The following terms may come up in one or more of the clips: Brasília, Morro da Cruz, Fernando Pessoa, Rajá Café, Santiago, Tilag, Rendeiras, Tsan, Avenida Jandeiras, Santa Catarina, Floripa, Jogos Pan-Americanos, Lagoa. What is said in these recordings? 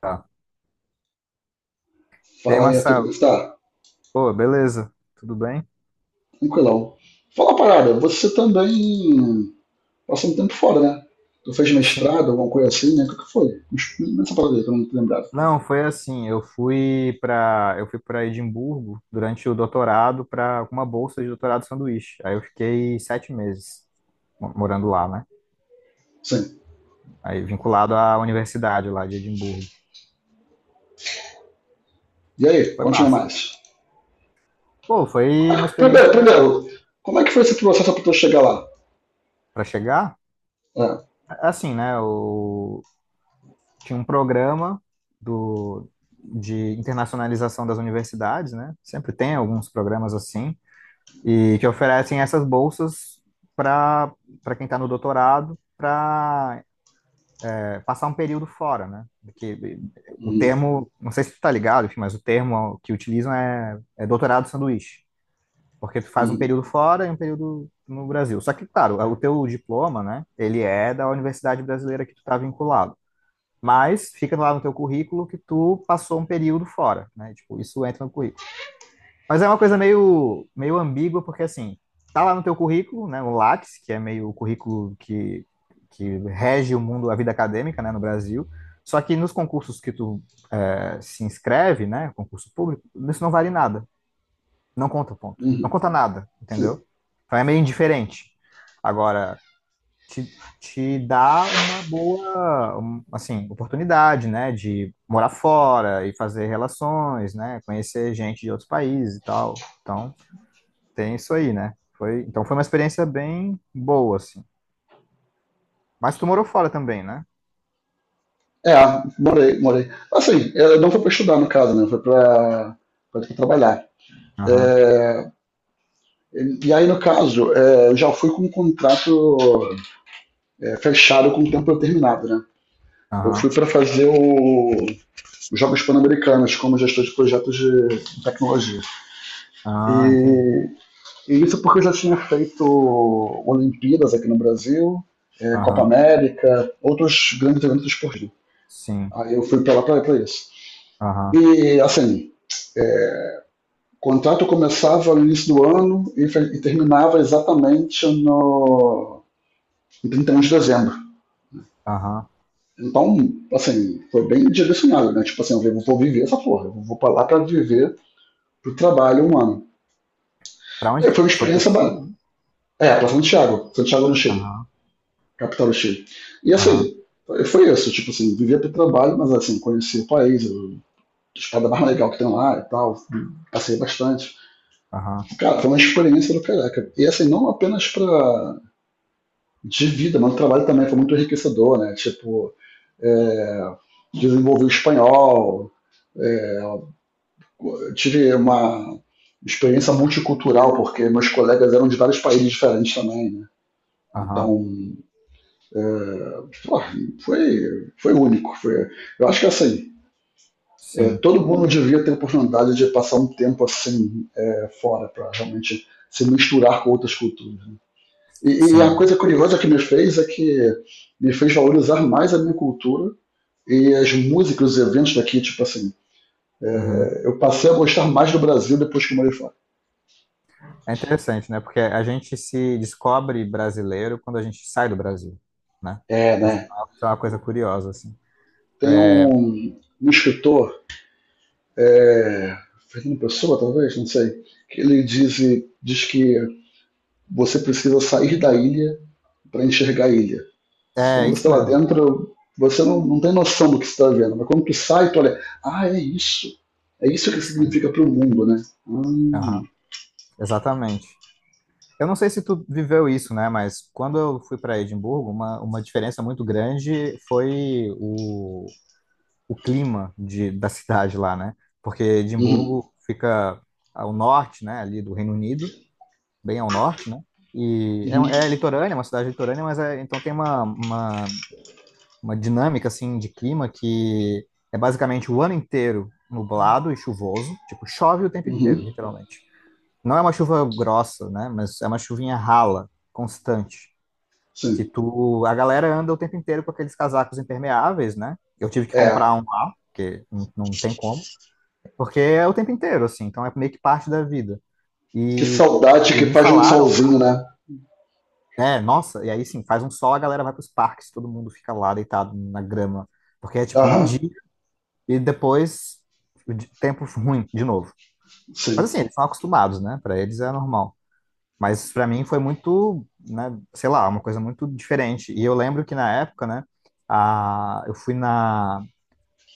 Tá. E aí, Fala aí, Arthur, como Marcelo? está? Pô, beleza? Tudo bem? Tranquilão. Fala uma parada, você também passou um tempo fora, né? Tu fez Sim. mestrado, alguma coisa assim, né? O que que foi? Me explica essa parada aí, que eu não tô lembrado. Não, foi assim, eu fui para Edimburgo durante o doutorado para uma bolsa de doutorado sanduíche. Aí eu fiquei 7 meses morando lá, né? Sim. Aí vinculado à universidade lá de Edimburgo. E aí, Foi conte massa. mais. Pô, foi uma Primeiro, experiência primeiro, como é que foi esse processo para tu chegar lá? para chegar. É. Assim, né? Eu tinha um programa do de internacionalização das universidades, né? Sempre tem alguns programas assim, e que oferecem essas bolsas para para quem está no doutorado para passar um período fora, né? Porque o Uhum, termo, não sei se tu tá ligado, enfim, mas o termo que utilizam é doutorado sanduíche, porque tu faz um uhum, período fora e um período no Brasil. Só que, claro, o teu diploma, né? Ele é da universidade brasileira que tu tá vinculado, mas fica lá no teu currículo que tu passou um período fora, né? Tipo, isso entra no currículo. Mas é uma coisa meio ambígua, porque assim, tá lá no teu currículo, né, o Lattes, que é meio o currículo que rege o mundo, a vida acadêmica, né, no Brasil, só que nos concursos que tu se inscreve, né, concurso público, isso não vale nada, não conta ponto, não uhum. conta nada, entendeu? Sim. Então é meio indiferente. Agora, te dá uma boa, um, assim, oportunidade, né, de morar fora e fazer relações, né, conhecer gente de outros países e tal. Então, tem isso aí, né? Então foi uma experiência bem boa, assim. Mas tu morou fora também, né? É, morei, morei. Assim, eu não foi para estudar, no caso, né? Foi para trabalhar. Aham, É, e aí, no caso, eu já fui com um contrato fechado com o tempo determinado, né? Eu fui aham. para fazer os Jogos Pan-Americanos como gestor de projetos de tecnologia. Ah, entendi. E, e isso porque eu já tinha feito Olimpíadas aqui no Brasil, Copa Aham, América, outros grandes eventos esportivos. sim. Aí eu fui para lá para isso. Aham, E, assim, o contrato começava no início do ano e terminava exatamente no em 31 de dezembro. aham. Então, assim, foi bem direcionado, né? Tipo assim, eu vou viver essa porra, eu vou pra lá pra viver pro trabalho um ano. Pra onde E que foi uma tu foi, pro experiência ba- Chile? É, pra Santiago, Santiago do Chile, Aham, capital do Chile. E aham, assim, foi isso, tipo assim, vivia pro trabalho, mas assim, conheci o país, a estado mais legal que tem lá e tal, passei bastante. aham, Cara, foi uma experiência do caraca. E assim, não apenas pra, de vida, mas o trabalho também foi muito enriquecedor, né? Tipo, é, desenvolvi o espanhol, é, eu tive uma experiência multicultural, porque meus colegas eram de vários países diferentes também, né? aham. Então, é, pô, foi único. Foi, eu acho que assim, Sim, todo mundo devia ter a oportunidade de passar um tempo assim fora, para realmente se misturar com outras culturas, né? E a sim. coisa curiosa que me fez é que me fez valorizar mais a minha cultura e as músicas, os eventos daqui, tipo assim, Uhum. eu passei a gostar mais do Brasil depois que eu morei fora. É interessante, né? Porque a gente se descobre brasileiro quando a gente sai do Brasil, né? É, Acho que né? é uma coisa curiosa, assim. Tem É, um escritor, é, Fernando Pessoa, talvez, não sei, que ele diz, que você precisa sair da ilha para enxergar a ilha. é, Quando você isso está lá mesmo. dentro, você não tem noção do que você está vendo, mas quando tu sai, tu olha, ah, é isso. É isso que Sim. significa para o mundo, né? Hum. Aham, exatamente. Eu não sei se tu viveu isso, né? Mas quando eu fui para Edimburgo, uma diferença muito grande foi o clima da cidade lá, né? Porque Uhum, Edimburgo fica ao norte, né? Ali do Reino Unido, bem ao norte, né? E uhum, é litorânea, é uma cidade litorânea, mas então tem uma dinâmica assim de clima que é basicamente o ano inteiro nublado e chuvoso, tipo, chove o tempo inteiro, uhum, literalmente. Não é uma chuva grossa, né? Mas é uma chuvinha rala, constante. Que sim. tu, a galera anda o tempo inteiro com aqueles casacos impermeáveis, né? Eu tive que É, comprar um lá, porque não, não tem como, porque é o tempo inteiro, assim, então é meio que parte da vida. que E, saudade e que me faz de um falaram, solzinho, né? Nossa, e aí sim, faz um sol, a galera vai pros parques, todo mundo fica lá deitado na grama, porque é tipo um dia Aham, e depois o tempo ruim de novo. Mas sim, assim, eles são acostumados, né? Pra eles é normal. Mas para mim foi muito, né, sei lá, uma coisa muito diferente. E eu lembro que na época, né, eu fui na,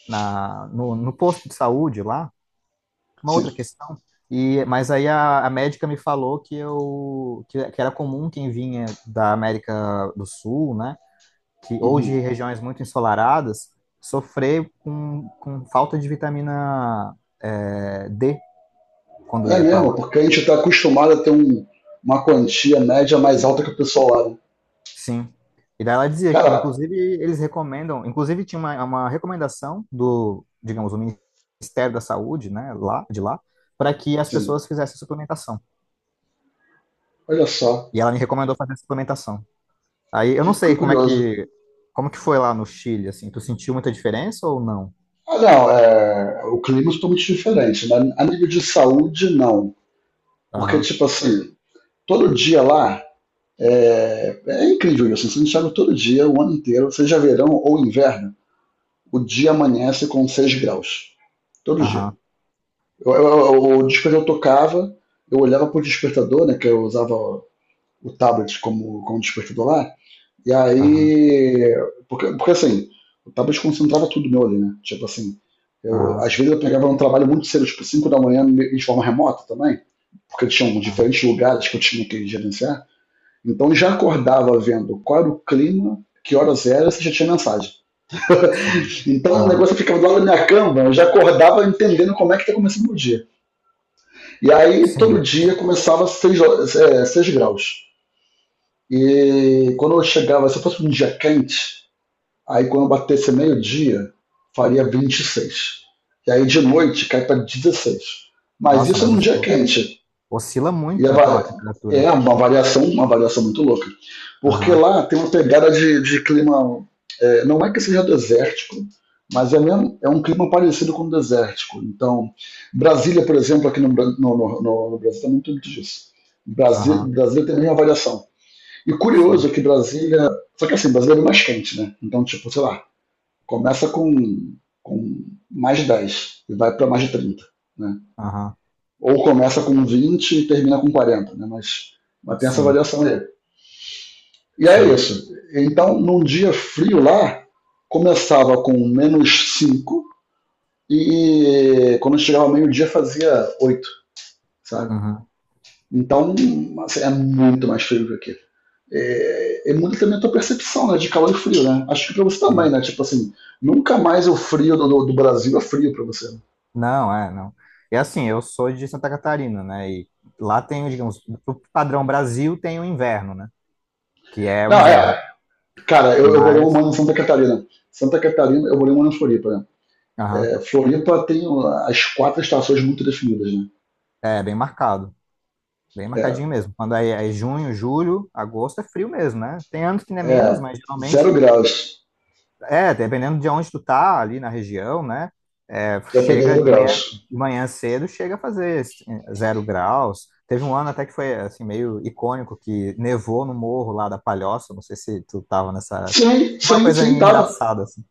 na no, no posto de saúde lá, uma outra sim. questão. E mas aí a médica me falou que eu que era comum quem vinha da América do Sul, né, que ou de Uhum. regiões muito ensolaradas, sofrer com falta de vitamina D quando É ia para mesmo, lá. porque a gente está acostumado a ter uma quantia média mais alta que o pessoal lá, né? Sim. E daí ela dizia que, Cara, inclusive, eles recomendam, inclusive tinha uma recomendação do, digamos, o Ministério da Saúde, né, lá, de lá, para que as sim, pessoas fizessem suplementação. olha só, E ela me recomendou fazer suplementação. Aí eu não sei que curioso. Como que foi lá no Chile, assim, tu sentiu muita diferença ou não? Ah, não, é, o clima é totalmente diferente, né? A nível de saúde, não. Porque, Aham, tipo assim, todo dia lá é incrível isso. Você enxerga todo dia, o ano inteiro, seja verão ou inverno, o dia amanhece com 6 graus. Todo dia. aham, Eu, eu, o despertador tocava, eu olhava pro despertador, né? Que eu usava o tablet como despertador lá. E aham, aí. Porque assim, eu tava desconcentrava tudo meu ali, né? Tipo assim, aham, às vezes eu pegava um trabalho muito cedo, tipo 5 da manhã, de forma remota também, porque tinham aham, diferentes lugares que eu tinha que gerenciar. Então eu já acordava vendo qual era o clima, que horas era, se já tinha mensagem. sim, Então o aham, negócio ficava do lado da minha cama, eu já acordava entendendo como é que tá começando o dia. E aí todo sim. dia começava 6, seis graus. E quando eu chegava, se eu fosse um dia quente, aí quando batesse meio-dia, faria 26. E aí de noite cai para 16. Mas Nossa, isso mas num dia quente. oscila E muito, então, a temperatura. é uma variação muito louca. Porque Aham, lá tem uma pegada de clima. É, não é que seja desértico, mas é, mesmo, é um clima parecido com o desértico. Então, Brasília, por exemplo, aqui no Brasil, tem muito muito disso. Aham, Brasília tem a mesma variação. E sim, curioso que Brasília. Só que assim, Brasília é mais quente, né? Então, tipo, sei lá, começa com, com mais 10 e vai para mais de 30, né? aham, Ou começa com 20 e termina com 40, né? Mas, tem essa sim, variação aí. E é sim. isso. Então, num dia frio lá, começava com menos 5 e quando chegava ao meio-dia fazia 8, sabe? Uhum. Então, assim, é muito mais frio que aqui. É muito também a tua percepção, né, de calor e frio, né? Acho que pra você também, Sim. né? Tipo assim, nunca mais o frio do Brasil é frio pra você, né? Não, é, não. É assim, eu sou de Santa Catarina, né? E lá tem, digamos, o padrão Brasil tem o inverno, né? Que é o Não, inverno. é, cara, eu morei um Mas, ano em Santa Catarina. Santa Catarina, eu morei um ano em Floripa, né? aham, É, Floripa tem as quatro estações muito definidas, né? é bem marcado, bem É, marcadinho mesmo. Quando aí é junho, julho, agosto é frio mesmo, né? Tem anos que não é menos, é, mas zero geralmente graus. é, dependendo de onde tu tá ali na região, né? É, Eu peguei chega zero graus. de manhã cedo, chega a fazer 0 graus. Teve um ano até que foi assim meio icônico que nevou no morro lá da Palhoça. Não sei se tu tava nessa época. Sim, É uma sim, coisa sim, tava. engraçada assim.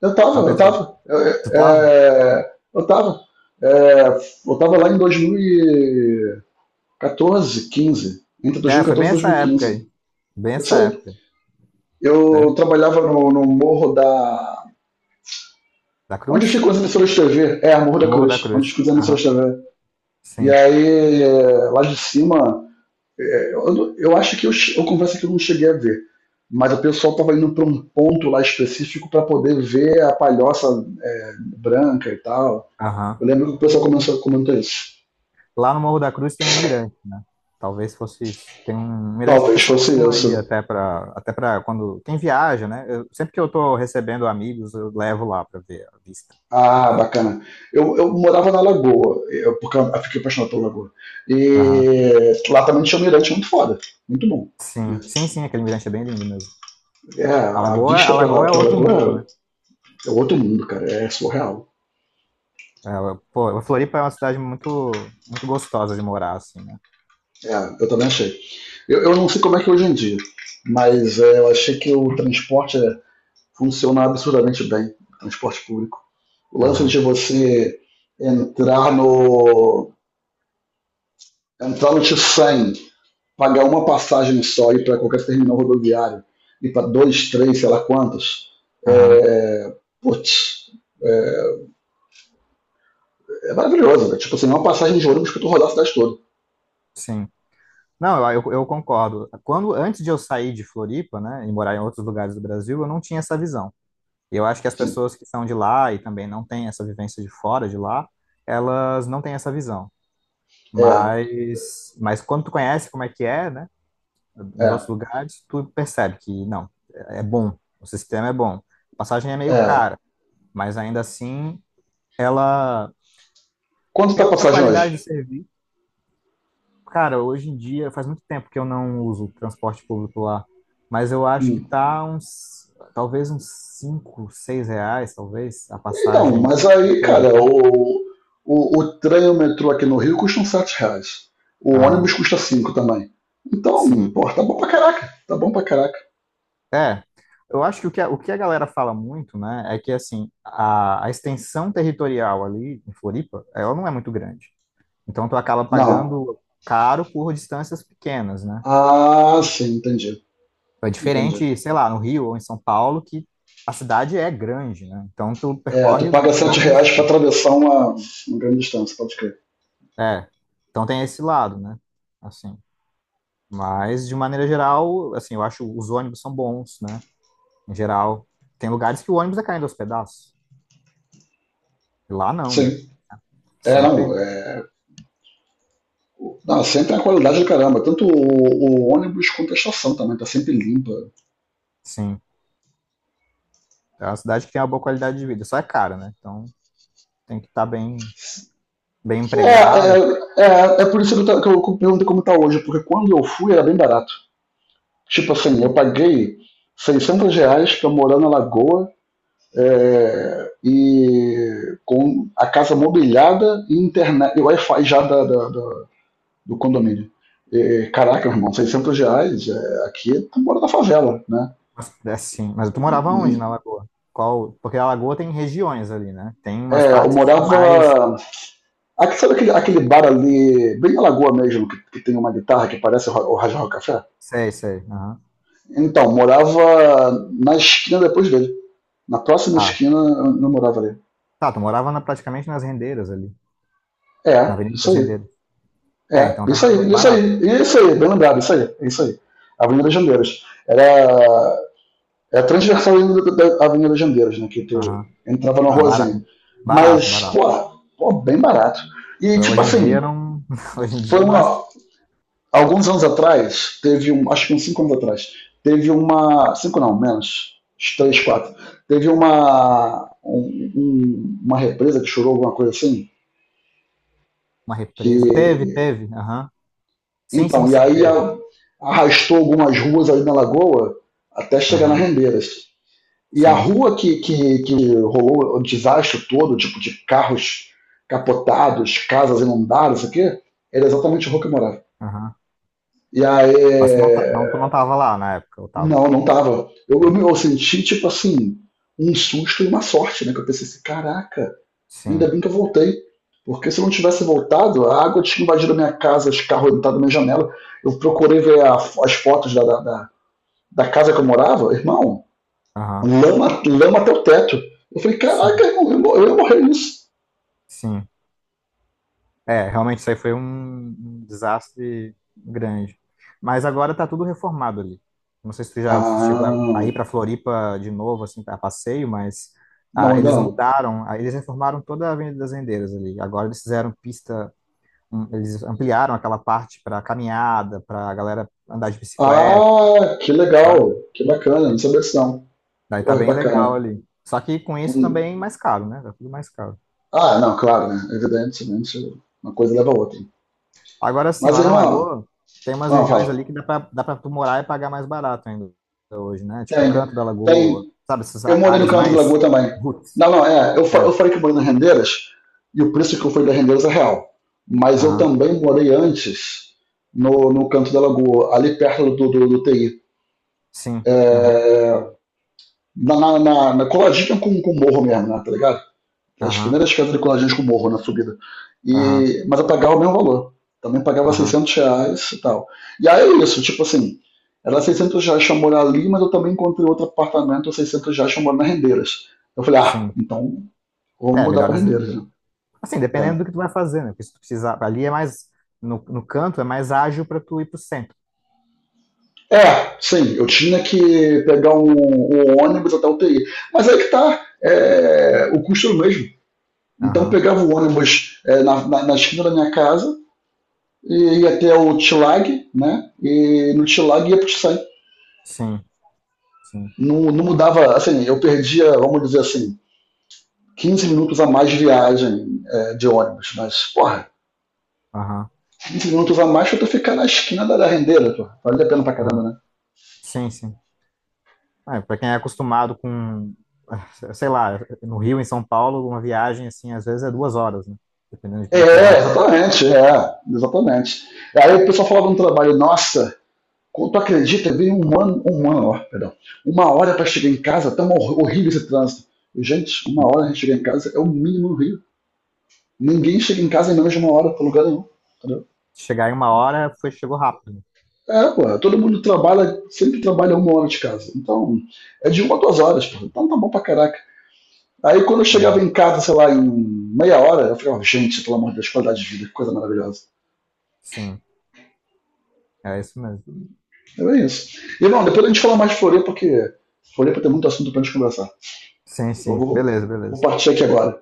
Eu É uma tava, eu coisa. tava. Tu tava? Eu tava. É, eu tava lá em 2014, 15. Entre É, foi 2014 bem e essa época 2015. aí. Bem Isso essa aí. época, né? Eu trabalhava no morro da. Da Onde Cruz? ficam as emissoras de TV? É, Morro O da Morro da Cruz, onde Cruz. ficam as emissoras Aham. de TV. E Sim. aí, lá de cima, eu acho que eu confesso que eu não cheguei a ver, mas o pessoal estava indo para um ponto lá específico para poder ver a palhoça branca e tal. Aham. Eu lembro que o pessoal começou a comentar isso. Lá no Morro da Cruz tem um mirante, né? Talvez fosse isso. Tem um mirante que o Talvez pessoal fosse costuma ir isso. até para quando quem viaja, né? Sempre que eu tô recebendo amigos, eu levo lá para ver a vista. Ah, bacana. Eu morava na Lagoa, porque eu fiquei apaixonado pela Lagoa. Aham. E lá também tinha um mirante muito foda, muito bom. Sim, sim, sim, aquele mirante é bem lindo mesmo. É, a vista A Lagoa é pela outro mundo, né? Lagoa é outro mundo, cara, é surreal. É, pô, a Floripa é uma cidade muito muito gostosa de morar assim, né? É, eu também achei. Eu não sei como é que é hoje em dia, mas eu achei que o transporte funciona absurdamente bem, o transporte público. O lance de Aham. você entrar no entrar no T100, pagar uma passagem só e ir para qualquer terminal rodoviário, ir para dois, três, sei lá quantos, Aham. é, putz, é, é maravilhoso, né? Tipo assim, é uma passagem de ônibus para tu rodar a cidade toda. Sim. Não, eu concordo. Quando antes de eu sair de Floripa, né, e morar em outros lugares do Brasil, eu não tinha essa visão. E eu acho que as Sim, pessoas que são de lá e também não têm essa vivência de fora de lá, elas não têm essa visão. é, Mas, quando tu conhece como é que é, né, nos outros é, lugares, tu percebe que não, é bom, o sistema é bom. A passagem é meio é. cara, mas ainda assim, ela, Quanto tá a pela passagem qualidade do hoje? serviço, cara, hoje em dia, faz muito tempo que eu não uso transporte público lá, mas eu acho que Hum. tá uns, talvez uns 5, 6 reais, talvez, a Então, passagem mas aí, inteira. cara, Né? O trem e o metrô aqui no Rio custam R$ 7. O ônibus Aham. custa 5 também. Então, Sim. pô, tá bom pra caraca. Tá bom pra caraca. É, eu acho que o que a galera fala muito, né, é que, assim, a extensão territorial ali em Floripa, ela não é muito grande. Então, tu acaba Não. pagando caro por distâncias pequenas, né? Ah, sim, entendi. É Entendi. diferente, sei lá, no Rio ou em São Paulo, que a cidade é grande, né? Então, tu É, tu percorre paga sete longas... reais pra atravessar uma grande distância, pode crer. É, então tem esse lado, né? Assim, mas, de maneira geral, assim, eu acho os ônibus são bons, né? Em geral. Tem lugares que o ônibus é caindo aos pedaços. Lá não, Sim. né? Sempre. É. Não, sempre é a qualidade do caramba. Tanto o ônibus quanto a estação também, tá sempre limpa. Sim, é uma cidade que tem uma boa qualidade de vida, só é cara, né? Então tem que estar bem, bem É, é, empregado, é por isso que que eu perguntei como tá hoje, porque quando eu fui era bem barato. Tipo assim, eu paguei 600 reais pra morar na Lagoa e com a casa mobiliada e internet, e Wi-Fi já do condomínio. E, caraca, meu irmão, 600 reais aqui, tu mora na favela, né? mas, é assim. Mas tu morava onde na Lagoa? Qual? Porque a Lagoa tem regiões ali, né? Tem umas É, eu partes que são mais. morava. Aqui, sabe aquele bar ali, bem na lagoa mesmo, que tem uma guitarra que parece o Rajá Café? Sei, sei. Aham. Então, morava na esquina depois dele. Na próxima Tá. esquina eu morava ali. Tá, tu morava praticamente nas rendeiras ali, na É, Avenida isso das aí. Rendeiras. É, É, então isso tava aí, isso barato. aí, isso aí, bem lembrado, isso aí, isso aí. Avenida Jandeiras. Era é a transversal da Avenida Jandeiras, né? Que tu Aham. entrava numa Ah, ruazinha. barato, Mas, pô, barato. pô, bem barato. E, tipo Hoje em dia assim, não. Hoje em foi dia não acho que uma. Alguns anos atrás, teve um. Acho que uns 5 anos atrás, teve uma. Cinco não, menos. Uns 3, 4. Teve uma. Uma represa que chorou, alguma coisa assim, uma que represa. Teve, teve. Aham. Sim, sim, então, e sim, aí teve. arrastou algumas ruas ali na lagoa até chegar nas Aham. Rendeiras. E a Sim. rua que rolou o desastre todo, tipo de carros capotados, casas inundadas, isso aqui, era exatamente a rua que eu morava. Aham. E aí, Mas tu não, é, não, tu não tava lá na época, eu tava. não, não tava. Não. Eu senti, tipo assim, um susto e uma sorte, né? Que eu pensei assim, caraca, ainda Sim, bem que eu voltei. Porque se eu não tivesse voltado, a água tinha invadido a minha casa, os carros entraram na minha janela. Eu procurei ver as fotos casa que eu morava, irmão, aham, lama, lama até o teto. Eu falei, sim, caraca, irmão, eu ia morrer nisso. sim. É, realmente isso aí foi um desastre grande. Mas agora tá tudo reformado ali. Não sei se tu já chegou Ah, a ir pra Floripa de novo, assim, a passeio, mas não, ainda eles não. mudaram, eles reformaram toda a Avenida das Rendeiras ali. Agora eles fizeram pista, eles ampliaram aquela parte pra caminhada, pra galera andar de bicicleta, Ah, que sabe? legal, que bacana, não sabia disso não. Daí tá Porra, que bem legal bacana. ali. Só que com isso Hum. também é mais caro, né? Tá tudo mais caro. Ah, não, claro, né? Evidentemente, uma coisa leva a outra. Agora sim, Mas, lá na irmão, Lagoa tem umas não, regiões fala. ali que dá pra tu morar e pagar mais barato ainda hoje, né? Tipo, o Tem, canto da Lagoa, tem, sabe? Essas eu morei no áreas canto do Lagoa mais também. roots. Não, não, é. Eu É, falei que morei na Rendeiras e o preço que eu fui da Rendeiras é real. Mas eu aham, também morei antes no canto da Lagoa, ali perto do TI. sim, aham, É, na coladinha com o morro mesmo, né, tá ligado? As aham, primeiras quadriculagens com morro na subida. aham, E, mas eu pagava o mesmo valor. Também pagava aham, R$ 600 e tal. E aí é isso, tipo assim, era R$ 600 pra morar ali, mas eu também encontrei outro apartamento, R$ 600 pra morar na Rendeiras. Eu falei, ah, sim. então vou É, mudar melhor pra as rendidas. Rendeiras, né? Assim, dependendo do que tu vai fazer, né? Porque se tu precisar, ali é mais, no canto é mais ágil pra tu ir pro centro. É, sim, eu tinha que pegar um ônibus até o TI. Mas aí que tá, o custo era o mesmo. Então eu Aham, pegava o ônibus na esquina da minha casa, e ia até o Tilag, né? E no Tilag ia pro Tsan. sim, sim, Não, não mudava, assim, eu perdia, vamos dizer assim, 15 minutos a mais de viagem de ônibus. Mas, porra, aham, 15 minutos a mais pra tu ficar na esquina da rendeira, pô. Vale a pena pra caramba, aham, né? sim, sim. Ah, para quem é acostumado com, ah, sei lá, no Rio, em São Paulo, uma viagem assim, às vezes é 2 horas, né? Dependendo de É, onde tu vai. exatamente, é, exatamente. Aí o pessoal falava no trabalho, nossa, quando tu acredita, veio um ano, ó, perdão, uma hora pra chegar em casa, horrível esse trânsito. Gente, uma hora a gente chegar em casa é o mínimo no Rio. Ninguém chega em casa em menos de uma hora pra lugar nenhum. Entendeu? Chegar em uma hora, chegou rápido, né? É, pô, todo mundo trabalha, sempre trabalha uma hora de casa. Então, é de 1 a 2 horas, pô. Então tá bom pra caraca. Aí quando eu chegava Uhum. em casa, sei lá, em meia hora, eu ficava, gente, pelo amor de Deus, qualidade de vida, que coisa maravilhosa. Sim, é isso mesmo. É bem isso. E não, depois a gente fala mais de Floripa, porque Floripa tem muito assunto pra gente conversar. Sim, Eu sim. vou, Beleza, vou beleza. partir aqui agora.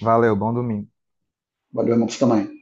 Valeu, bom domingo. Valeu, irmão, pra você também.